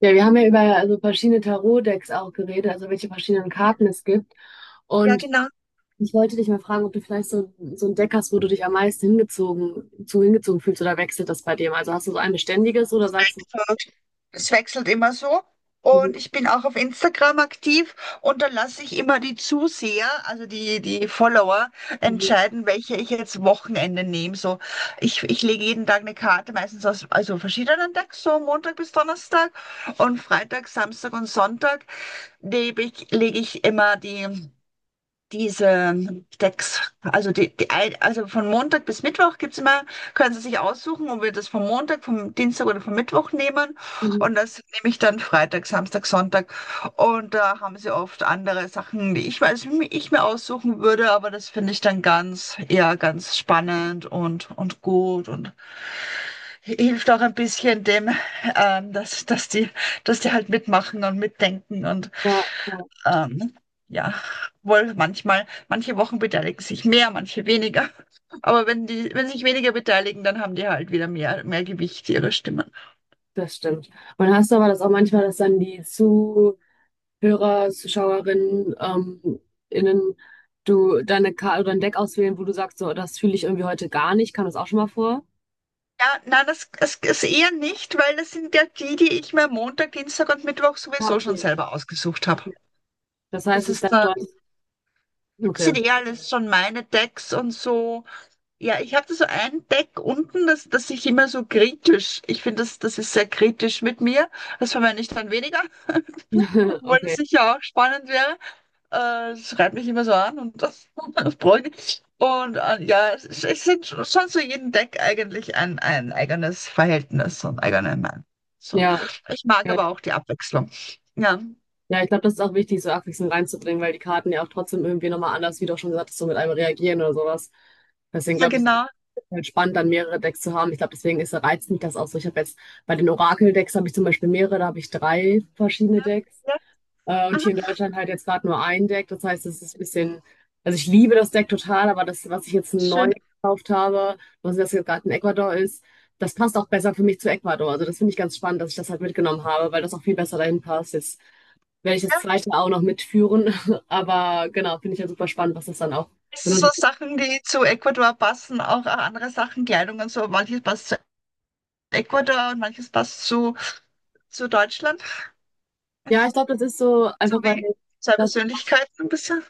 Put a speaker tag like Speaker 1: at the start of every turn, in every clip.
Speaker 1: Ja, wir haben ja über also verschiedene Tarot-Decks auch geredet, also welche verschiedenen Karten es gibt.
Speaker 2: Ja,
Speaker 1: Und
Speaker 2: genau.
Speaker 1: ich wollte dich mal fragen, ob du vielleicht so, ein Deck hast, wo du dich am meisten zu hingezogen fühlst oder wechselt das bei dir? Also hast du so ein beständiges oder sagst du,
Speaker 2: Es wechselt immer so.
Speaker 1: mhm,
Speaker 2: Und ich bin auch auf Instagram aktiv und da lasse ich immer die Zuseher, also die Follower,
Speaker 1: mhm,
Speaker 2: entscheiden, welche ich jetzt Wochenende nehme. So, ich lege jeden Tag eine Karte, meistens aus also verschiedenen Tagen, so Montag bis Donnerstag und Freitag, Samstag und Sonntag lege ich immer diese Decks, also von Montag bis Mittwoch gibt's immer, können Sie sich aussuchen, ob wir das vom Montag, vom Dienstag oder vom Mittwoch nehmen.
Speaker 1: mhm, mhm,
Speaker 2: Und das nehme ich dann Freitag, Samstag, Sonntag. Und da haben Sie oft andere Sachen, die ich weiß, ich mir aussuchen würde, aber das finde ich dann eher ganz spannend und gut und hilft auch ein bisschen dem, ähm, dass, dass die, dass die halt mitmachen und mitdenken und
Speaker 1: ja, ja,
Speaker 2: ähm, ja, wohl manchmal, manche Wochen beteiligen sich mehr, manche weniger. Aber wenn sich weniger beteiligen, dann haben die halt wieder mehr Gewicht ihrer Stimmen.
Speaker 1: das stimmt. Und hast du aber das auch manchmal, dass dann die Zuhörer, Zuschauerinnen, innen, du deine Karte oder ein Deck auswählen, wo du sagst, so, das fühle ich irgendwie heute gar nicht, kam das auch schon mal vor?
Speaker 2: Ja, nein, das ist eher nicht, weil das sind ja die, die ich mir Montag, Dienstag und Mittwoch
Speaker 1: Ja,
Speaker 2: sowieso schon
Speaker 1: okay.
Speaker 2: selber ausgesucht habe.
Speaker 1: Das heißt,
Speaker 2: Das
Speaker 1: es ist
Speaker 2: ist,
Speaker 1: dann
Speaker 2: äh,
Speaker 1: schon, okay.
Speaker 2: sind eh alles schon meine Decks und so. Ja, ich hatte so ein Deck unten, das ich immer so kritisch, ich finde, das ist sehr kritisch mit mir. Das verwende ich dann weniger, obwohl das
Speaker 1: Okay,
Speaker 2: sicher auch spannend wäre. Das schreibt mich immer so an und das, das bräuchte ich. Und ja, es sind schon zu jedem Deck eigentlich ein eigenes Verhältnis und eigener Mann. So.
Speaker 1: ja,
Speaker 2: Ich mag
Speaker 1: ja.
Speaker 2: aber auch die Abwechslung. Ja,
Speaker 1: Ja, ich glaube, das ist auch wichtig, so abwechselnd reinzubringen, weil die Karten ja auch trotzdem irgendwie nochmal anders, wie du auch schon gesagt hast, so mit einem reagieren oder sowas. Deswegen
Speaker 2: ja,
Speaker 1: glaube ich, es ist
Speaker 2: genau.
Speaker 1: halt spannend, dann mehrere Decks zu haben. Ich glaube, deswegen ist, reizt mich das auch so. Ich habe jetzt bei den Orakel-Decks habe ich zum Beispiel mehrere, da habe ich drei verschiedene Decks.
Speaker 2: Ja.
Speaker 1: Und
Speaker 2: Aha,
Speaker 1: hier in Deutschland halt jetzt gerade nur ein Deck. Das heißt, es ist ein bisschen, also ich liebe das Deck total, aber das, was ich jetzt
Speaker 2: schön.
Speaker 1: neu gekauft habe, was das jetzt gerade in Ecuador ist, das passt auch besser für mich zu Ecuador. Also das finde ich ganz spannend, dass ich das halt mitgenommen habe, weil das auch viel besser dahin passt. Jetzt werde ich das
Speaker 2: Ja.
Speaker 1: zweite auch noch mitführen. Aber genau, finde ich ja super spannend, was das dann auch
Speaker 2: Das sind so
Speaker 1: benutzt.
Speaker 2: Sachen, die zu Ecuador passen, auch andere Sachen, Kleidung und so, manches passt zu Ecuador und manches passt zu Deutschland.
Speaker 1: Ja, ich glaube, das ist so
Speaker 2: So
Speaker 1: einfach, weil
Speaker 2: wie zwei
Speaker 1: das
Speaker 2: Persönlichkeiten ein bisschen.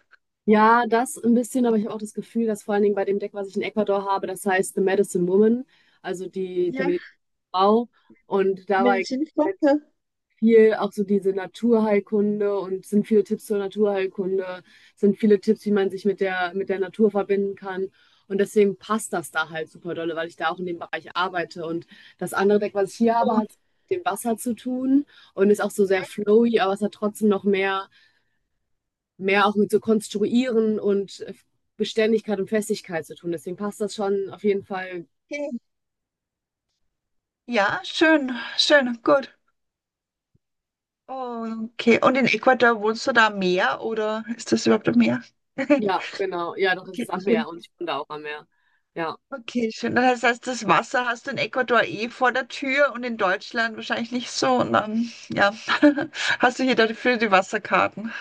Speaker 1: Ja, das ein bisschen, aber ich habe auch das Gefühl, dass vor allen Dingen bei dem Deck, was ich in Ecuador habe, das heißt The Medicine Woman, also die, die
Speaker 2: Ja,
Speaker 1: medizinische Frau. Und dabei halt
Speaker 2: Medizinfachler.
Speaker 1: viel auch so diese Naturheilkunde und sind viele Tipps zur Naturheilkunde, sind viele Tipps, wie man sich mit der Natur verbinden kann. Und deswegen passt das da halt super dolle, weil ich da auch in dem Bereich arbeite. Und das andere Deck, was ich hier habe, hat mit dem Wasser zu tun und ist auch so sehr flowy, aber es hat trotzdem noch mehr auch mit so Konstruieren und Beständigkeit und Festigkeit zu tun. Deswegen passt das schon auf jeden Fall.
Speaker 2: Okay. Ja, schön, schön, gut. Okay, und in Ecuador wohnst du da am Meer oder ist das überhaupt am Meer?
Speaker 1: Ja, genau. Ja, doch, das
Speaker 2: Okay,
Speaker 1: ist am
Speaker 2: schön.
Speaker 1: Meer und ich bin da auch am Meer. Ja,
Speaker 2: Okay, schön. Das heißt, das Wasser hast du in Ecuador eh vor der Tür und in Deutschland wahrscheinlich nicht so. Und dann, ja, hast du hier dafür die Wasserkarten.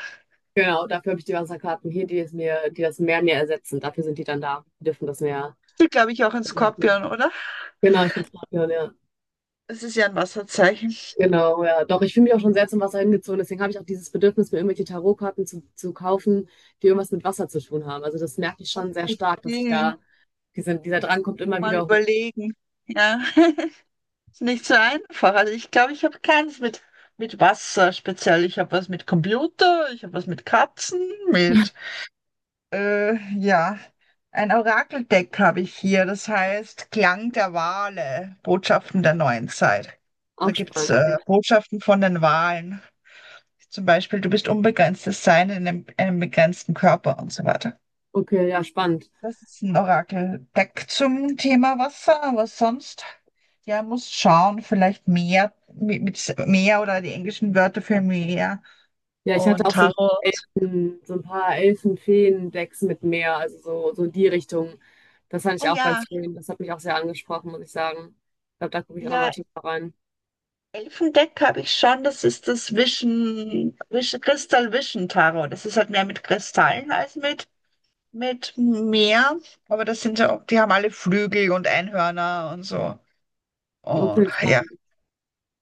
Speaker 1: genau. Dafür habe ich die Wasserkarten hier, die es mir, die das Meer mir ersetzen. Dafür sind die dann da. Die dürfen das Meer.
Speaker 2: Du, glaube ich, auch in Skorpion, oder?
Speaker 1: Genau, ich bin Skorpion, ja.
Speaker 2: Das ist ja ein Wasserzeichen.
Speaker 1: Genau, ja. Doch, ich fühle mich auch schon sehr zum Wasser hingezogen. Deswegen habe ich auch dieses Bedürfnis, mir irgendwelche Tarotkarten zu, kaufen, die irgendwas mit Wasser zu tun haben. Also das merke ich schon sehr stark, dass ich
Speaker 2: Okay,
Speaker 1: da, dieser Drang kommt immer
Speaker 2: mal
Speaker 1: wieder hoch.
Speaker 2: überlegen. Ja, ist nicht so einfach. Also ich glaube, ich habe keins mit Wasser speziell. Ich habe was mit Computer, ich habe was mit Katzen, mit, ja, ein Orakeldeck habe ich hier. Das heißt Klang der Wale, Botschaften der neuen Zeit. Da
Speaker 1: Auch
Speaker 2: gibt's
Speaker 1: spannend. Ja.
Speaker 2: Botschaften von den Walen. Zum Beispiel, du bist unbegrenztes Sein in einem begrenzten Körper und so weiter.
Speaker 1: Okay, ja, spannend.
Speaker 2: Das ist ein Orakeldeck zum Thema Wasser, aber sonst, ja, muss schauen, vielleicht Meer, mit Meer oder die englischen Wörter für Meer
Speaker 1: Ja, ich hatte
Speaker 2: und
Speaker 1: auch so,
Speaker 2: Tarot.
Speaker 1: Elfen, so ein paar Elfen-Feen-Decks mit Meer, also so, in die Richtung. Das fand
Speaker 2: Ah
Speaker 1: ich auch
Speaker 2: ja,
Speaker 1: ganz schön. Das hat mich auch sehr angesprochen, muss ich sagen. Ich glaube, da gucke ich auch nochmal
Speaker 2: ja,
Speaker 1: tiefer rein.
Speaker 2: Elfendeck habe ich schon, das ist das Crystal Vision Tarot. Das ist halt mehr mit Kristallen als mit Meer, aber das sind ja auch, die haben alle Flügel und Einhörner und so. Und
Speaker 1: Okay,
Speaker 2: ja,
Speaker 1: spannend.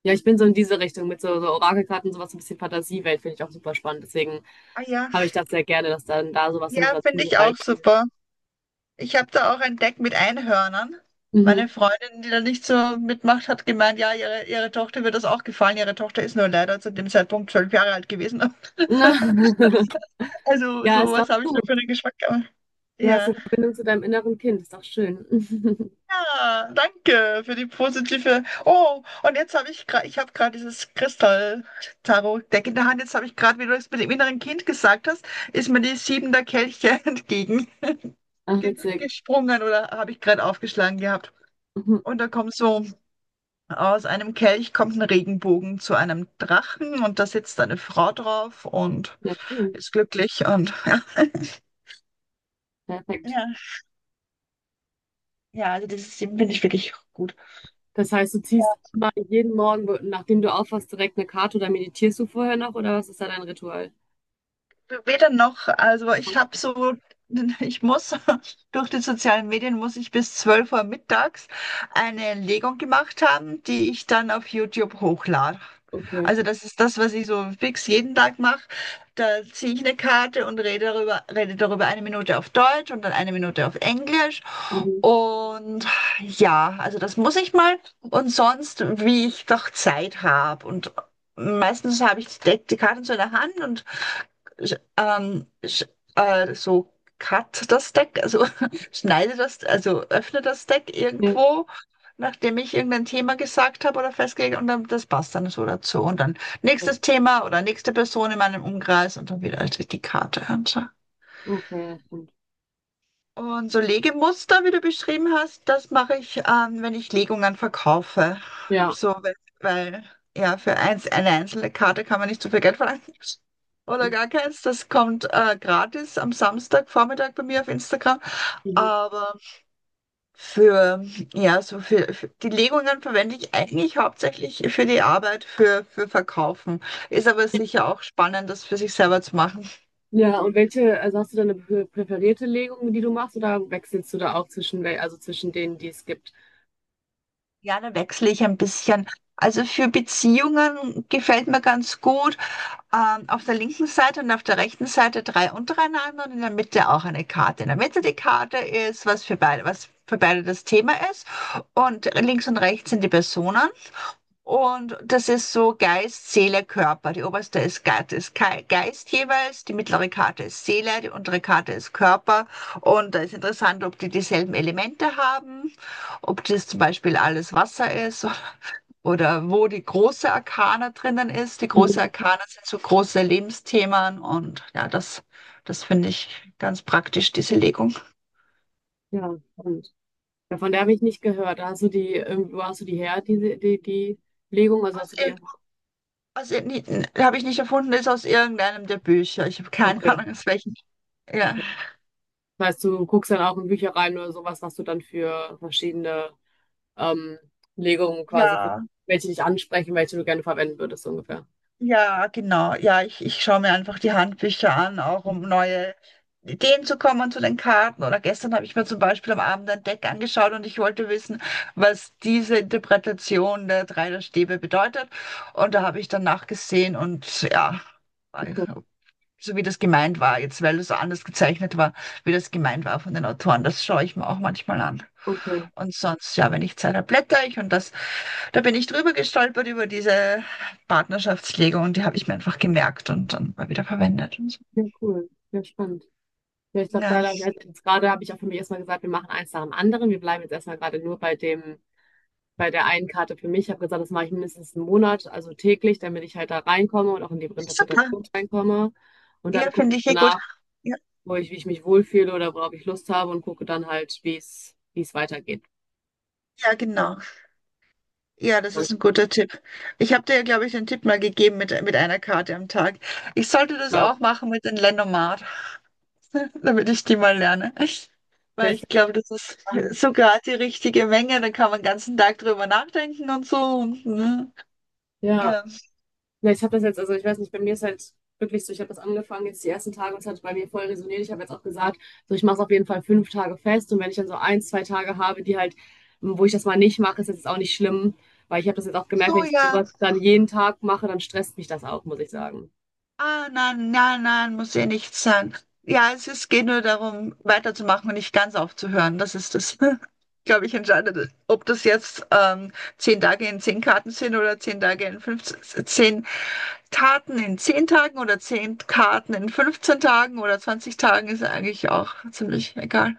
Speaker 1: Ja, ich bin so in diese Richtung mit so Orakelkarten, sowas, so ein bisschen Fantasiewelt, finde ich auch super spannend. Deswegen
Speaker 2: ah ja,
Speaker 1: habe ich das sehr gerne, dass dann da sowas
Speaker 2: ja,
Speaker 1: dann noch
Speaker 2: finde
Speaker 1: dazu
Speaker 2: ich auch
Speaker 1: reinspielt.
Speaker 2: super. Ich habe da auch ein Deck mit Einhörnern.
Speaker 1: Mhm.
Speaker 2: Meine Freundin, die da nicht so mitmacht, hat gemeint, ja, ihre Tochter wird das auch gefallen. Ihre Tochter ist nur leider zu dem Zeitpunkt 12 Jahre alt gewesen. Also
Speaker 1: Ja, ist doch
Speaker 2: sowas habe ich da
Speaker 1: gut.
Speaker 2: für einen Geschmack.
Speaker 1: Du hast
Speaker 2: Ja.
Speaker 1: eine Verbindung zu deinem inneren Kind, ist doch schön.
Speaker 2: Ja, danke für die positive. Oh, und jetzt habe ich gerade, ich habe gerade dieses Kristall-Tarot-Deck in der Hand. Jetzt habe ich gerade, wie du es mit dem inneren Kind gesagt hast, ist mir die Sieben der Kelche entgegen
Speaker 1: Ach, witzig.
Speaker 2: gesprungen oder habe ich gerade aufgeschlagen gehabt.
Speaker 1: Mhm.
Speaker 2: Und da kommt so aus einem Kelch kommt ein Regenbogen zu einem Drachen und da sitzt eine Frau drauf und
Speaker 1: Ja, schön.
Speaker 2: ist glücklich und ja.
Speaker 1: Perfekt.
Speaker 2: Ja, ja, also das ist, finde ich, wirklich gut.
Speaker 1: Das heißt, du ziehst immer jeden Morgen, nachdem du aufwachst, direkt eine Karte oder meditierst du vorher noch oder was ist da dein Ritual?
Speaker 2: Weder noch, also ich muss durch die sozialen Medien muss ich bis 12 Uhr mittags eine Legung gemacht haben, die ich dann auf YouTube hochlade.
Speaker 1: Okay.
Speaker 2: Also das ist das, was ich so fix jeden Tag mache. Da ziehe ich eine Karte und rede darüber eine Minute auf Deutsch und dann eine Minute auf Englisch.
Speaker 1: Mhm.
Speaker 2: Und ja, also das muss ich mal. Und sonst, wie ich doch Zeit habe. Und meistens habe ich die Karten so in der Hand und sch- ähm, sch- so cut das Deck, also schneide das, also öffne das Deck
Speaker 1: Ja,
Speaker 2: irgendwo, nachdem ich irgendein Thema gesagt habe oder festgelegt, und dann das passt dann so dazu. Und dann
Speaker 1: okay.
Speaker 2: nächstes Thema oder nächste Person in meinem Umkreis und dann wieder die Karte. Und so.
Speaker 1: Okay, ja, stimmt.
Speaker 2: Und so Legemuster, wie du beschrieben hast, das mache ich, wenn ich Legungen verkaufe.
Speaker 1: Ja.
Speaker 2: So, weil ja, für eine einzelne Karte kann man nicht so viel Geld verlangen. Oder gar keins. Das kommt gratis am Samstagvormittag bei mir auf Instagram.
Speaker 1: Mhm.
Speaker 2: Aber für, ja, so für die Legungen verwende ich eigentlich hauptsächlich für die Arbeit, für Verkaufen. Ist aber sicher auch spannend, das für sich selber zu machen.
Speaker 1: Ja, und welche, also hast du da eine präferierte Legung, die du machst, oder wechselst du da auch zwischen, also zwischen denen, die es gibt?
Speaker 2: Ja, dann wechsle ich ein bisschen. Also für Beziehungen gefällt mir ganz gut. Auf der linken Seite und auf der rechten Seite drei untereinander und in der Mitte auch eine Karte. In der Mitte die Karte ist, was für beide das Thema ist. Und links und rechts sind die Personen. Und das ist so Geist, Seele, Körper. Die oberste ist Geist, ist Geist jeweils, die mittlere Karte ist Seele, die untere Karte ist Körper. Und da ist interessant, ob die dieselben Elemente haben, ob das zum Beispiel alles Wasser ist, oder wo die große Arkana drinnen ist. Die große
Speaker 1: Mhm.
Speaker 2: Arkana sind so große Lebensthemen und ja, das finde ich ganz praktisch, diese
Speaker 1: Ja,
Speaker 2: Legung.
Speaker 1: ja, stimmt. Ja, von der habe ich nicht gehört. Hast du die, wo hast du die her, die Legung? Also
Speaker 2: Aus,
Speaker 1: hast du die
Speaker 2: irg-
Speaker 1: irgendwo?
Speaker 2: aus, irg- habe ich nicht erfunden, ist aus irgendeinem der Bücher. Ich habe keine
Speaker 1: Okay,
Speaker 2: Ahnung, aus welchen. Ja.
Speaker 1: okay. Das heißt, du guckst dann auch in Bücher rein oder sowas, was du dann für verschiedene ähm, Legungen quasi, für
Speaker 2: Ja,
Speaker 1: welche dich ansprechen, welche du gerne verwenden würdest, so ungefähr.
Speaker 2: ja, genau. Ja, ich schaue mir einfach die Handbücher an, auch um neue Ideen zu kommen zu den Karten. Oder gestern habe ich mir zum Beispiel am Abend ein Deck angeschaut und ich wollte wissen, was diese Interpretation der drei der Stäbe bedeutet. Und da habe ich dann nachgesehen und ja,
Speaker 1: Okay,
Speaker 2: so wie das gemeint war jetzt, weil es so anders gezeichnet war, wie das gemeint war von den Autoren. Das schaue ich mir auch manchmal an.
Speaker 1: okay.
Speaker 2: Und sonst, ja, wenn ich Zeit habe, blätter ich, und da bin ich drüber gestolpert über diese Partnerschaftslegung, und die habe ich mir einfach gemerkt und dann mal wieder verwendet und so.
Speaker 1: Ja, cool. Ja, spannend. Ja, ich glaube,
Speaker 2: Ja,
Speaker 1: da habe jetzt gerade habe ich auch für mich erstmal gesagt, wir machen eins nach dem anderen. Wir bleiben jetzt erstmal gerade nur bei dem, bei der einen Karte für mich. Ich habe gesagt, das mache ich mindestens einen Monat, also täglich, damit ich halt da reinkomme und auch in die
Speaker 2: super.
Speaker 1: Interpretation reinkomme. Und dann
Speaker 2: Ja,
Speaker 1: gucke ich
Speaker 2: finde ich eh gut.
Speaker 1: danach,
Speaker 2: Ja,
Speaker 1: wo ich, wie ich mich wohlfühle oder worauf ich Lust habe und gucke dann halt, wie es, weitergeht.
Speaker 2: ja, genau. Ja, das ist ein guter Tipp. Ich habe dir ja, glaube ich, den Tipp mal gegeben mit einer Karte am Tag. Ich sollte das
Speaker 1: Genau.
Speaker 2: auch machen mit den Lendomat. Damit ich die mal lerne.
Speaker 1: Ja,
Speaker 2: Weil
Speaker 1: ich
Speaker 2: ich
Speaker 1: glaub,
Speaker 2: glaube, das ist
Speaker 1: dann-
Speaker 2: so gerade die richtige Menge. Dann kann man den ganzen Tag drüber nachdenken und so. Und, ne?
Speaker 1: ja.
Speaker 2: Ja.
Speaker 1: Ja, ich habe das jetzt, also ich weiß nicht, bei mir ist halt wirklich so, ich habe das angefangen jetzt die ersten Tage, und es hat bei mir voll resoniert. Ich habe jetzt auch gesagt, so ich mache es auf jeden Fall 5 Tage fest und wenn ich dann so ein, zwei Tage habe, die halt, wo ich das mal nicht mache, ist das jetzt auch nicht schlimm, weil ich habe das jetzt auch gemerkt, wenn ich
Speaker 2: Soja,
Speaker 1: sowas dann jeden Tag mache, dann stresst mich das auch, muss ich sagen.
Speaker 2: ah, nein, nein, nein, muss ja nichts sein. Ja, geht nur darum, weiterzumachen und nicht ganz aufzuhören. Das ist das, glaube ich, entscheidende. Ob das jetzt zehn Tage in 10 Karten sind oder 10 Tage in 15 10 Taten in 10 Tagen oder 10 Karten in 15 Tagen oder 20 Tagen, ist eigentlich auch ziemlich egal.